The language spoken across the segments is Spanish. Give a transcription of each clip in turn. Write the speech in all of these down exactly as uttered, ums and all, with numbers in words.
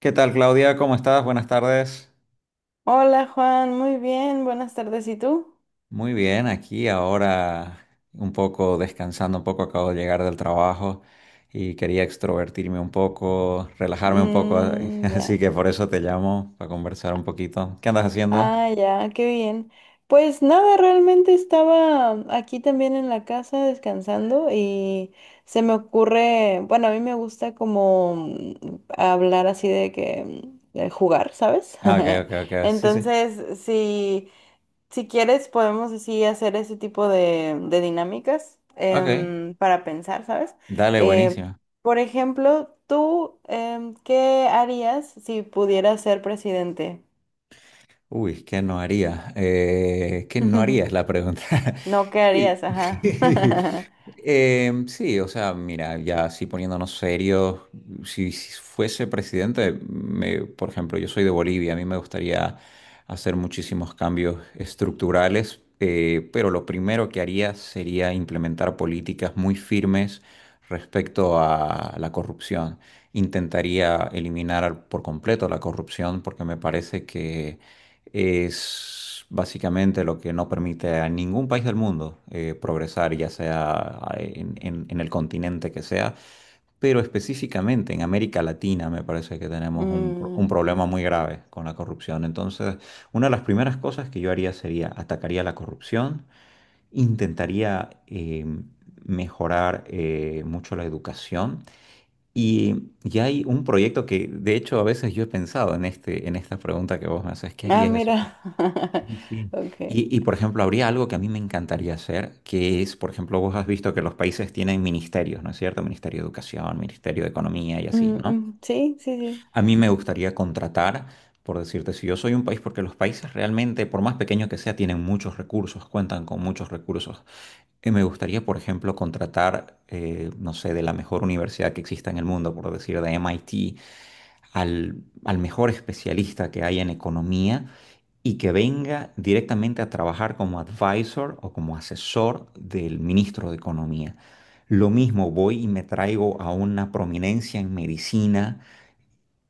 ¿Qué tal, Claudia? ¿Cómo estás? Buenas tardes. Hola Juan, muy bien, buenas tardes. ¿Y tú? Muy bien, aquí ahora un poco descansando, un poco acabo de llegar del trabajo y quería extrovertirme un poco, relajarme un poco, Mm, así ya. que por eso te llamo para conversar un poquito. ¿Qué andas haciendo? Ah, ya, qué bien. Pues nada, realmente estaba aquí también en la casa descansando y se me ocurre, bueno, a mí me gusta como mm, hablar así de que mm, de jugar, ¿sabes? Ah, ok, ok, ok. Sí, sí. Entonces, sí. Si quieres, podemos así hacer ese tipo de, de dinámicas Ok. em, para pensar, ¿sabes? Dale, Em, buenísimo. por ejemplo, tú, em, ¿qué harías si pudieras ser presidente? Uy, ¿qué no haría? Eh, ¿qué no haría es la pregunta? No, ¿qué Sí. harías? Ajá. Em, sí, o sea, mira, ya así poniéndonos serios, si, si fuese presidente, me- por ejemplo, yo soy de Bolivia, a mí me gustaría hacer muchísimos cambios estructurales, eh, pero lo primero que haría sería implementar políticas muy firmes respecto a la corrupción. Intentaría eliminar por completo la corrupción porque me parece que es básicamente lo que no permite a ningún país del mundo eh, progresar, ya sea ah, en, en- en el continente que sea, pero específicamente en América Latina me parece que tenemos un, pro- Mm. un problema muy grave con la corrupción. Entonces, una de las primeras cosas que yo haría sería atacaría la corrupción, intentaría eh, mejorar eh, mucho la educación. Y ya hay un proyecto que, de hecho, a veces yo he pensado en este, en esta pregunta que vos me haces, ¿qué Ah, haría yo si mira. Sí, sí? Ok. Y, y, por ejemplo, habría algo que a mí me encantaría hacer, que es, por ejemplo, vos has visto que los países tienen ministerios, ¿no es cierto? Ministerio de Educación, Ministerio de Economía y así, Mm, ¿no? mm, sí, sí, sí. A mí me gustaría contratar, por decirte, si yo soy un país, porque los países realmente, por más pequeño que sea, tienen muchos recursos, cuentan con muchos recursos. Y me gustaría, por ejemplo, contratar, eh, no sé, de la mejor universidad que exista en el mundo, por decir, de M I T, al, al mejor especialista que hay en economía y que venga directamente a trabajar como advisor o como asesor del ministro de Economía. Lo mismo voy y me traigo a una prominencia en medicina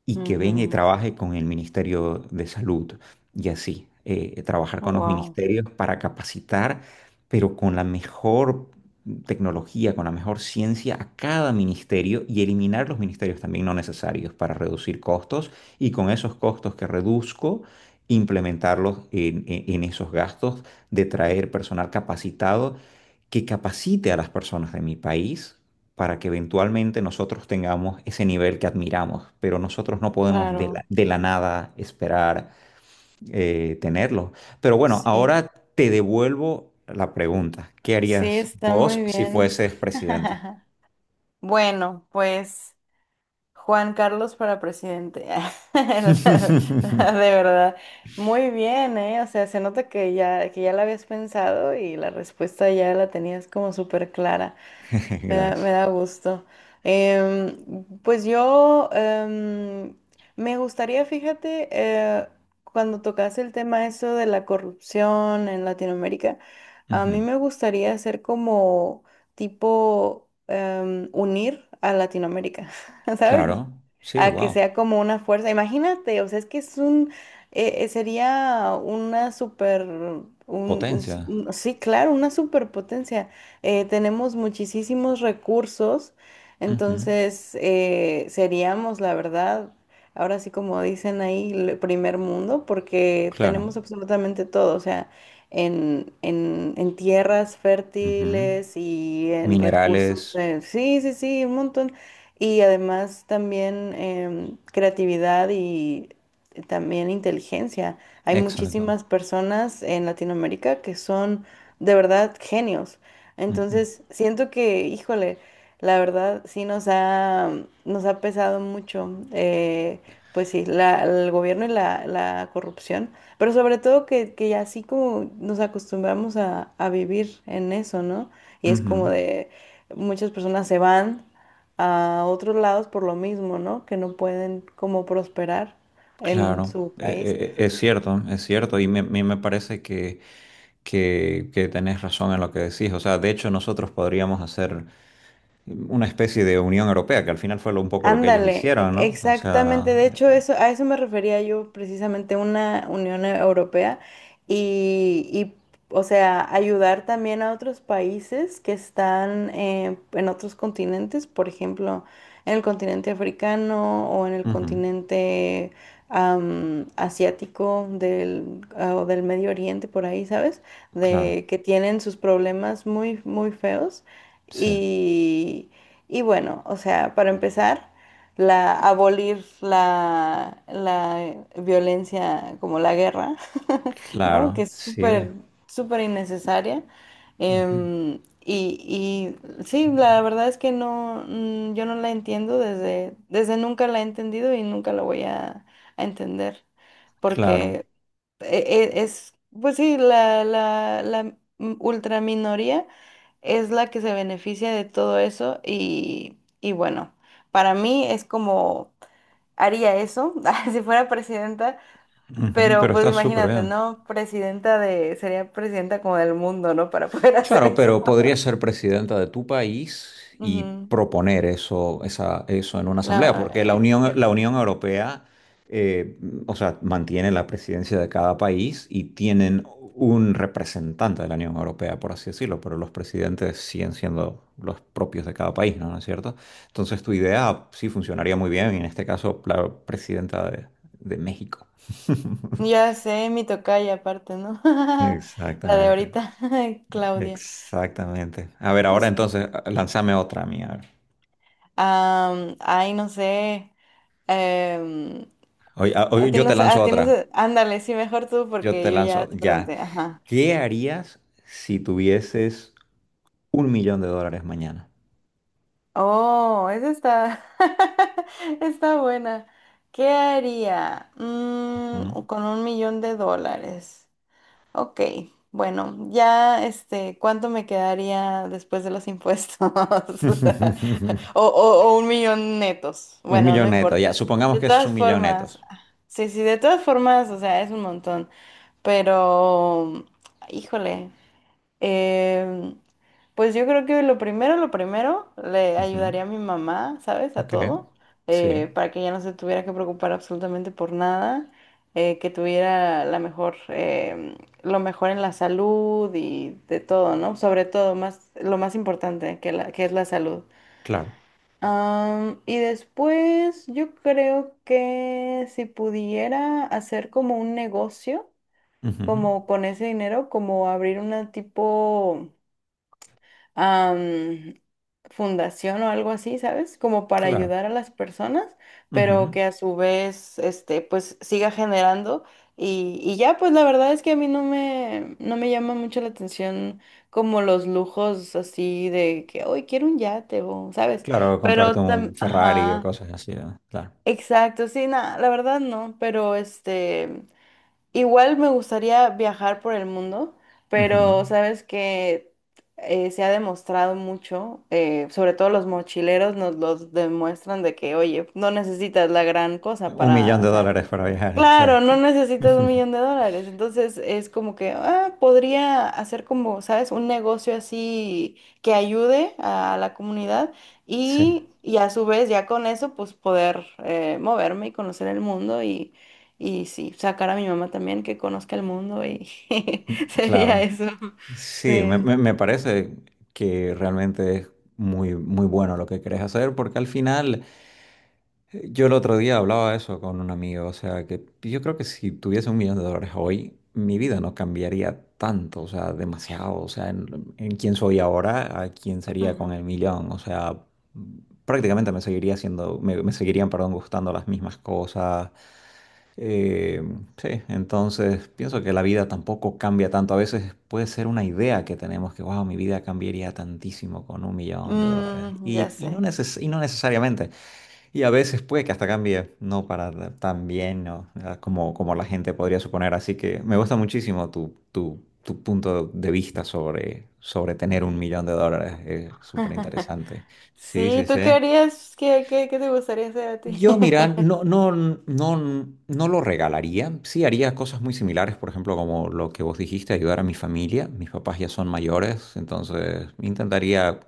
y que venga y trabaje con el Ministerio de Salud y así, eh, trabajar con los Wow, ministerios para capacitar, pero con la mejor tecnología, con la mejor ciencia a cada ministerio y eliminar los ministerios también no necesarios para reducir costos y con esos costos que reduzco, implementarlos en en- en esos gastos de traer personal capacitado que capacite a las personas de mi país para que eventualmente nosotros tengamos ese nivel que admiramos, pero nosotros no podemos de la, claro. de la nada esperar eh, tenerlo. Pero bueno, Sí, ahora te devuelvo la pregunta. ¿Qué sí, harías está muy vos si bien. fueses presidente? Bueno, pues. Juan Carlos para presidente. De verdad. Muy bien, ¿eh? O sea, se nota que ya, que ya la habías pensado y la respuesta ya la tenías como súper clara. Me da, Gracias. me da gusto. Em, pues yo em, me gustaría, fíjate, eh, cuando tocas el tema eso de la corrupción en Latinoamérica, a Ujú. mí me gustaría hacer como tipo em, unir a Latinoamérica, ¿sabes? Claro, sí, A que wow. sea como una fuerza. Imagínate, o sea, es que es un, eh, eh, sería una super, un, un Potencia. s- un- sí, claro, una superpotencia eh, tenemos muchísimos recursos, Ujú. entonces eh, seríamos, la verdad, ahora sí como dicen ahí, el primer mundo, porque Claro. tenemos absolutamente todo, o sea, en, en, en tierras Ujú. fértiles y en recursos, Minerales. eh, sí, sí, sí, un montón. Y además también em, creatividad y también inteligencia. Hay Exacto. muchísimas personas en Latinoamérica que son de verdad genios. Ujú. Entonces, siento que, híjole, la verdad sí nos ha, nos ha pesado mucho, eh, pues sí, la- el gobierno y la, la corrupción, pero sobre todo que, que ya así como nos acostumbramos a, a vivir en eso, ¿no? Y es como Ujú. de muchas personas se van a otros lados por lo mismo, ¿no? Que no pueden como prosperar en Claro, su país. e- e- es cierto, es cierto, y me, me me parece que, que, que tenés razón en lo que decís. O sea, de hecho nosotros podríamos hacer una especie de Unión Europea, que al final fue lo- un poco lo que ellos Ándale, e- hicieron, ¿no? O exactamente. sea, De hecho, eh, eso, a eso me refería yo precisamente una Unión E, Europea y, y, o sea, ayudar también a otros países que están eh, en otros continentes, por ejemplo, en el continente africano o en el ujú, continente am, asiático del, ah, o del Medio Oriente, por ahí, ¿sabes? claro, De que tienen sus problemas muy, muy feos sí, y, y bueno, o sea, para empezar la abolir la, la violencia como la guerra, ¿no? Que claro, es sí, súper, súper innecesaria. ujú, Em, y, y sí, la verdad es que no, mm, yo no la entiendo desde, desde nunca la he entendido y nunca la voy a, a entender, claro, porque e- e- es, pues sí, la, la, la ultraminoría es la que se beneficia de todo eso y, y bueno. Para mí es como haría eso si fuera presidenta, ujú, pero pero pues está súper imagínate, bien. ¿no? Presidenta de, sería presidenta como del mundo, ¿no? Para poder hacer Claro, eso. pero podría ser presidenta de tu país y Ujú. proponer eso, esa- eso en una asamblea, La, porque la eh, Unión, la Unión Europea, eh, o sea, mantiene la presidencia de cada país y tienen un representante de la Unión Europea, por así decirlo, pero los presidentes siguen siendo los propios de cada país, ¿no? ¿No es cierto? Entonces tu idea sí funcionaría muy bien, y en este caso la presidenta de, de México. ya sé, mi tocaya aparte, ¿no? La de Exactamente. ahorita, Claudia. Exactamente. A ver, Pues ahora sí. entonces, lánzame otra mía. A ver. Am, ay, no sé. em, Hoy, a- a hoy ti yo no te sé, lanzo a ti no otra. sé. Ándale, sí, mejor tú Yo porque te yo ya lanzo, te ya. pregunté. Ajá. ¿Qué harías si tuvieses un millón de dólares mañana? Oh, esa está, está buena. ¿Qué haría? Mm, Ujú. con un millón de dólares. Ok, bueno, ya este, ¿cuánto me quedaría después de los impuestos? O, o, o un millón netos. Un Bueno, no millón neto, ya. importa. Supongamos De que es todas un millón formas, netos. sí, sí, de todas formas, o sea, es un montón. Pero, híjole. Eh, pues yo creo que lo primero, lo primero, le Ujú. ayudaría a mi mamá, ¿sabes? A Ok. todo, Sí, eh, para que ya no se tuviera que preocupar absolutamente por nada, eh, que tuviera la mejor, eh, lo mejor en la salud y de todo, ¿no? Sobre todo, más, lo más importante que, la, que es la salud. claro. Am, y después yo creo que si pudiera hacer como un negocio, Ujú. como con ese dinero, como abrir una tipo am, fundación o algo así, ¿sabes? Como para Claro. ayudar a las personas, pero Ujú. que a su vez, este, pues siga generando. Y, y ya, pues la verdad es que a mí no me, no me llama mucho la atención como los lujos así de que hoy quiero un yate o, ¿sabes? Claro, Pero, comprarte un tam- Ferrari o ajá, cosas así, ¿no? Claro. exacto, sí, nada, la verdad no, pero este. Igual me gustaría viajar por el mundo, Ujú. pero sabes que eh, se ha demostrado mucho, eh, sobre todo los mochileros nos los demuestran de que, oye, no necesitas la gran cosa Un millón para, de o sea, dólares para viajar, claro, exacto. no necesitas un millón de dólares. Entonces es como que, ah, podría hacer como, ¿sabes? Un negocio así que ayude a la comunidad Sí. y, y a su vez ya con eso pues poder eh, moverme y conocer el mundo y, y sí, sacar a mi mamá también que conozca el mundo y sería Claro, eso. sí, me, Sí. me- me parece que realmente es muy, muy bueno lo que querés hacer, porque al final, eh, yo el otro día hablaba eso con un amigo, o sea, que yo creo que si tuviese un millón de dólares hoy, mi vida no cambiaría tanto, o sea, demasiado, o sea, en, en quién soy ahora, a quién sería con el Ujú. millón, o sea, prácticamente me seguiría haciendo, me, me seguirían, perdón, gustando las mismas cosas, eh, sí, entonces pienso que la vida tampoco cambia tanto. A veces puede ser una idea que tenemos que, wow, mi vida cambiaría tantísimo con un millón de dólares. Mm, ya Y, y no sé. neces- y no necesariamente. Y a veces puede que hasta cambie, no para da- tan bien, ¿no? Ah, como, como la gente podría suponer. Así que me gusta muchísimo tu, tu, tu punto de vista sobre, sobre tener un millón de dólares. Es súper interesante. Sí, Sí, sí, ¿tú qué sí. harías? ¿Qué, qué, qué te gustaría hacer a ti? Yo, mira, no, no, no, no lo regalaría. Sí, haría cosas muy similares, por ejemplo, como lo que vos dijiste, ayudar a mi familia. Mis papás ya son mayores, entonces intentaría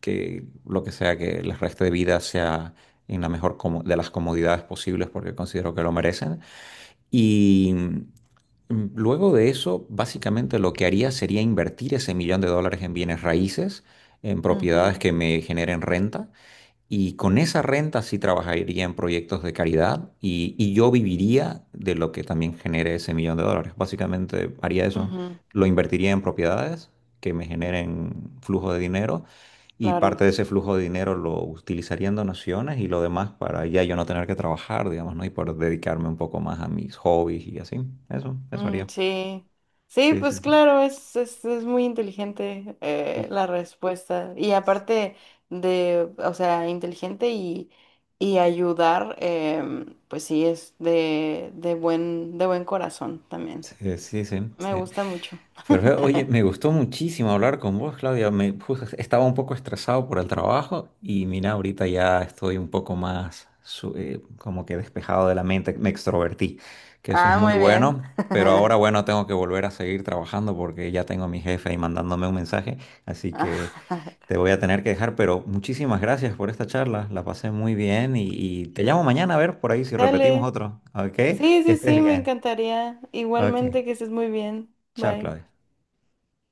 que lo que sea que les reste de vida sea en la mejor como- de las comodidades posibles porque considero que lo merecen. Y mm, luego de eso, básicamente lo que haría sería invertir ese millón de dólares en bienes raíces, en propiedades Ujú, que me generen renta. Y con esa renta sí trabajaría en proyectos de caridad y, y yo viviría de lo que también genere ese millón de dólares. Básicamente haría eso, ujú, lo invertiría en propiedades que me generen flujo de dinero y parte claro. de ese flujo de dinero lo utilizaría en donaciones y lo demás para ya yo no tener que trabajar, digamos, ¿no? Y poder dedicarme un poco más a mis hobbies y así. Eso, eso Mm, haría. sí, sí, Sí, sí, pues sí. claro, es, es, es muy inteligente Uh, eh, la respuesta. Y aparte de, o sea, inteligente y, y ayudar, em, pues sí, es de, de buen, de buen corazón también. sí, sí, sí, Me sí. gusta mucho. Perfecto. Oye, me gustó muchísimo hablar con vos, Claudia. Me, justo estaba un poco estresado por el trabajo y mira, ahorita ya estoy un poco más su- eh, como que despejado de la mente. Me extrovertí, que eso es Ah, muy muy bien. bueno. Pero ahora, bueno, tengo que volver a seguir trabajando porque ya tengo a mi jefe ahí mandándome un mensaje. Así que te voy a tener que dejar. Pero muchísimas gracias por esta charla. La pasé muy bien y, y te llamo mañana a ver por ahí si repetimos Dale. otro. ¿Ok? Que Sí, sí, estés sí, me bien. encantaría. Ok. Igualmente que estés muy bien. Chao, Bye. Claudia.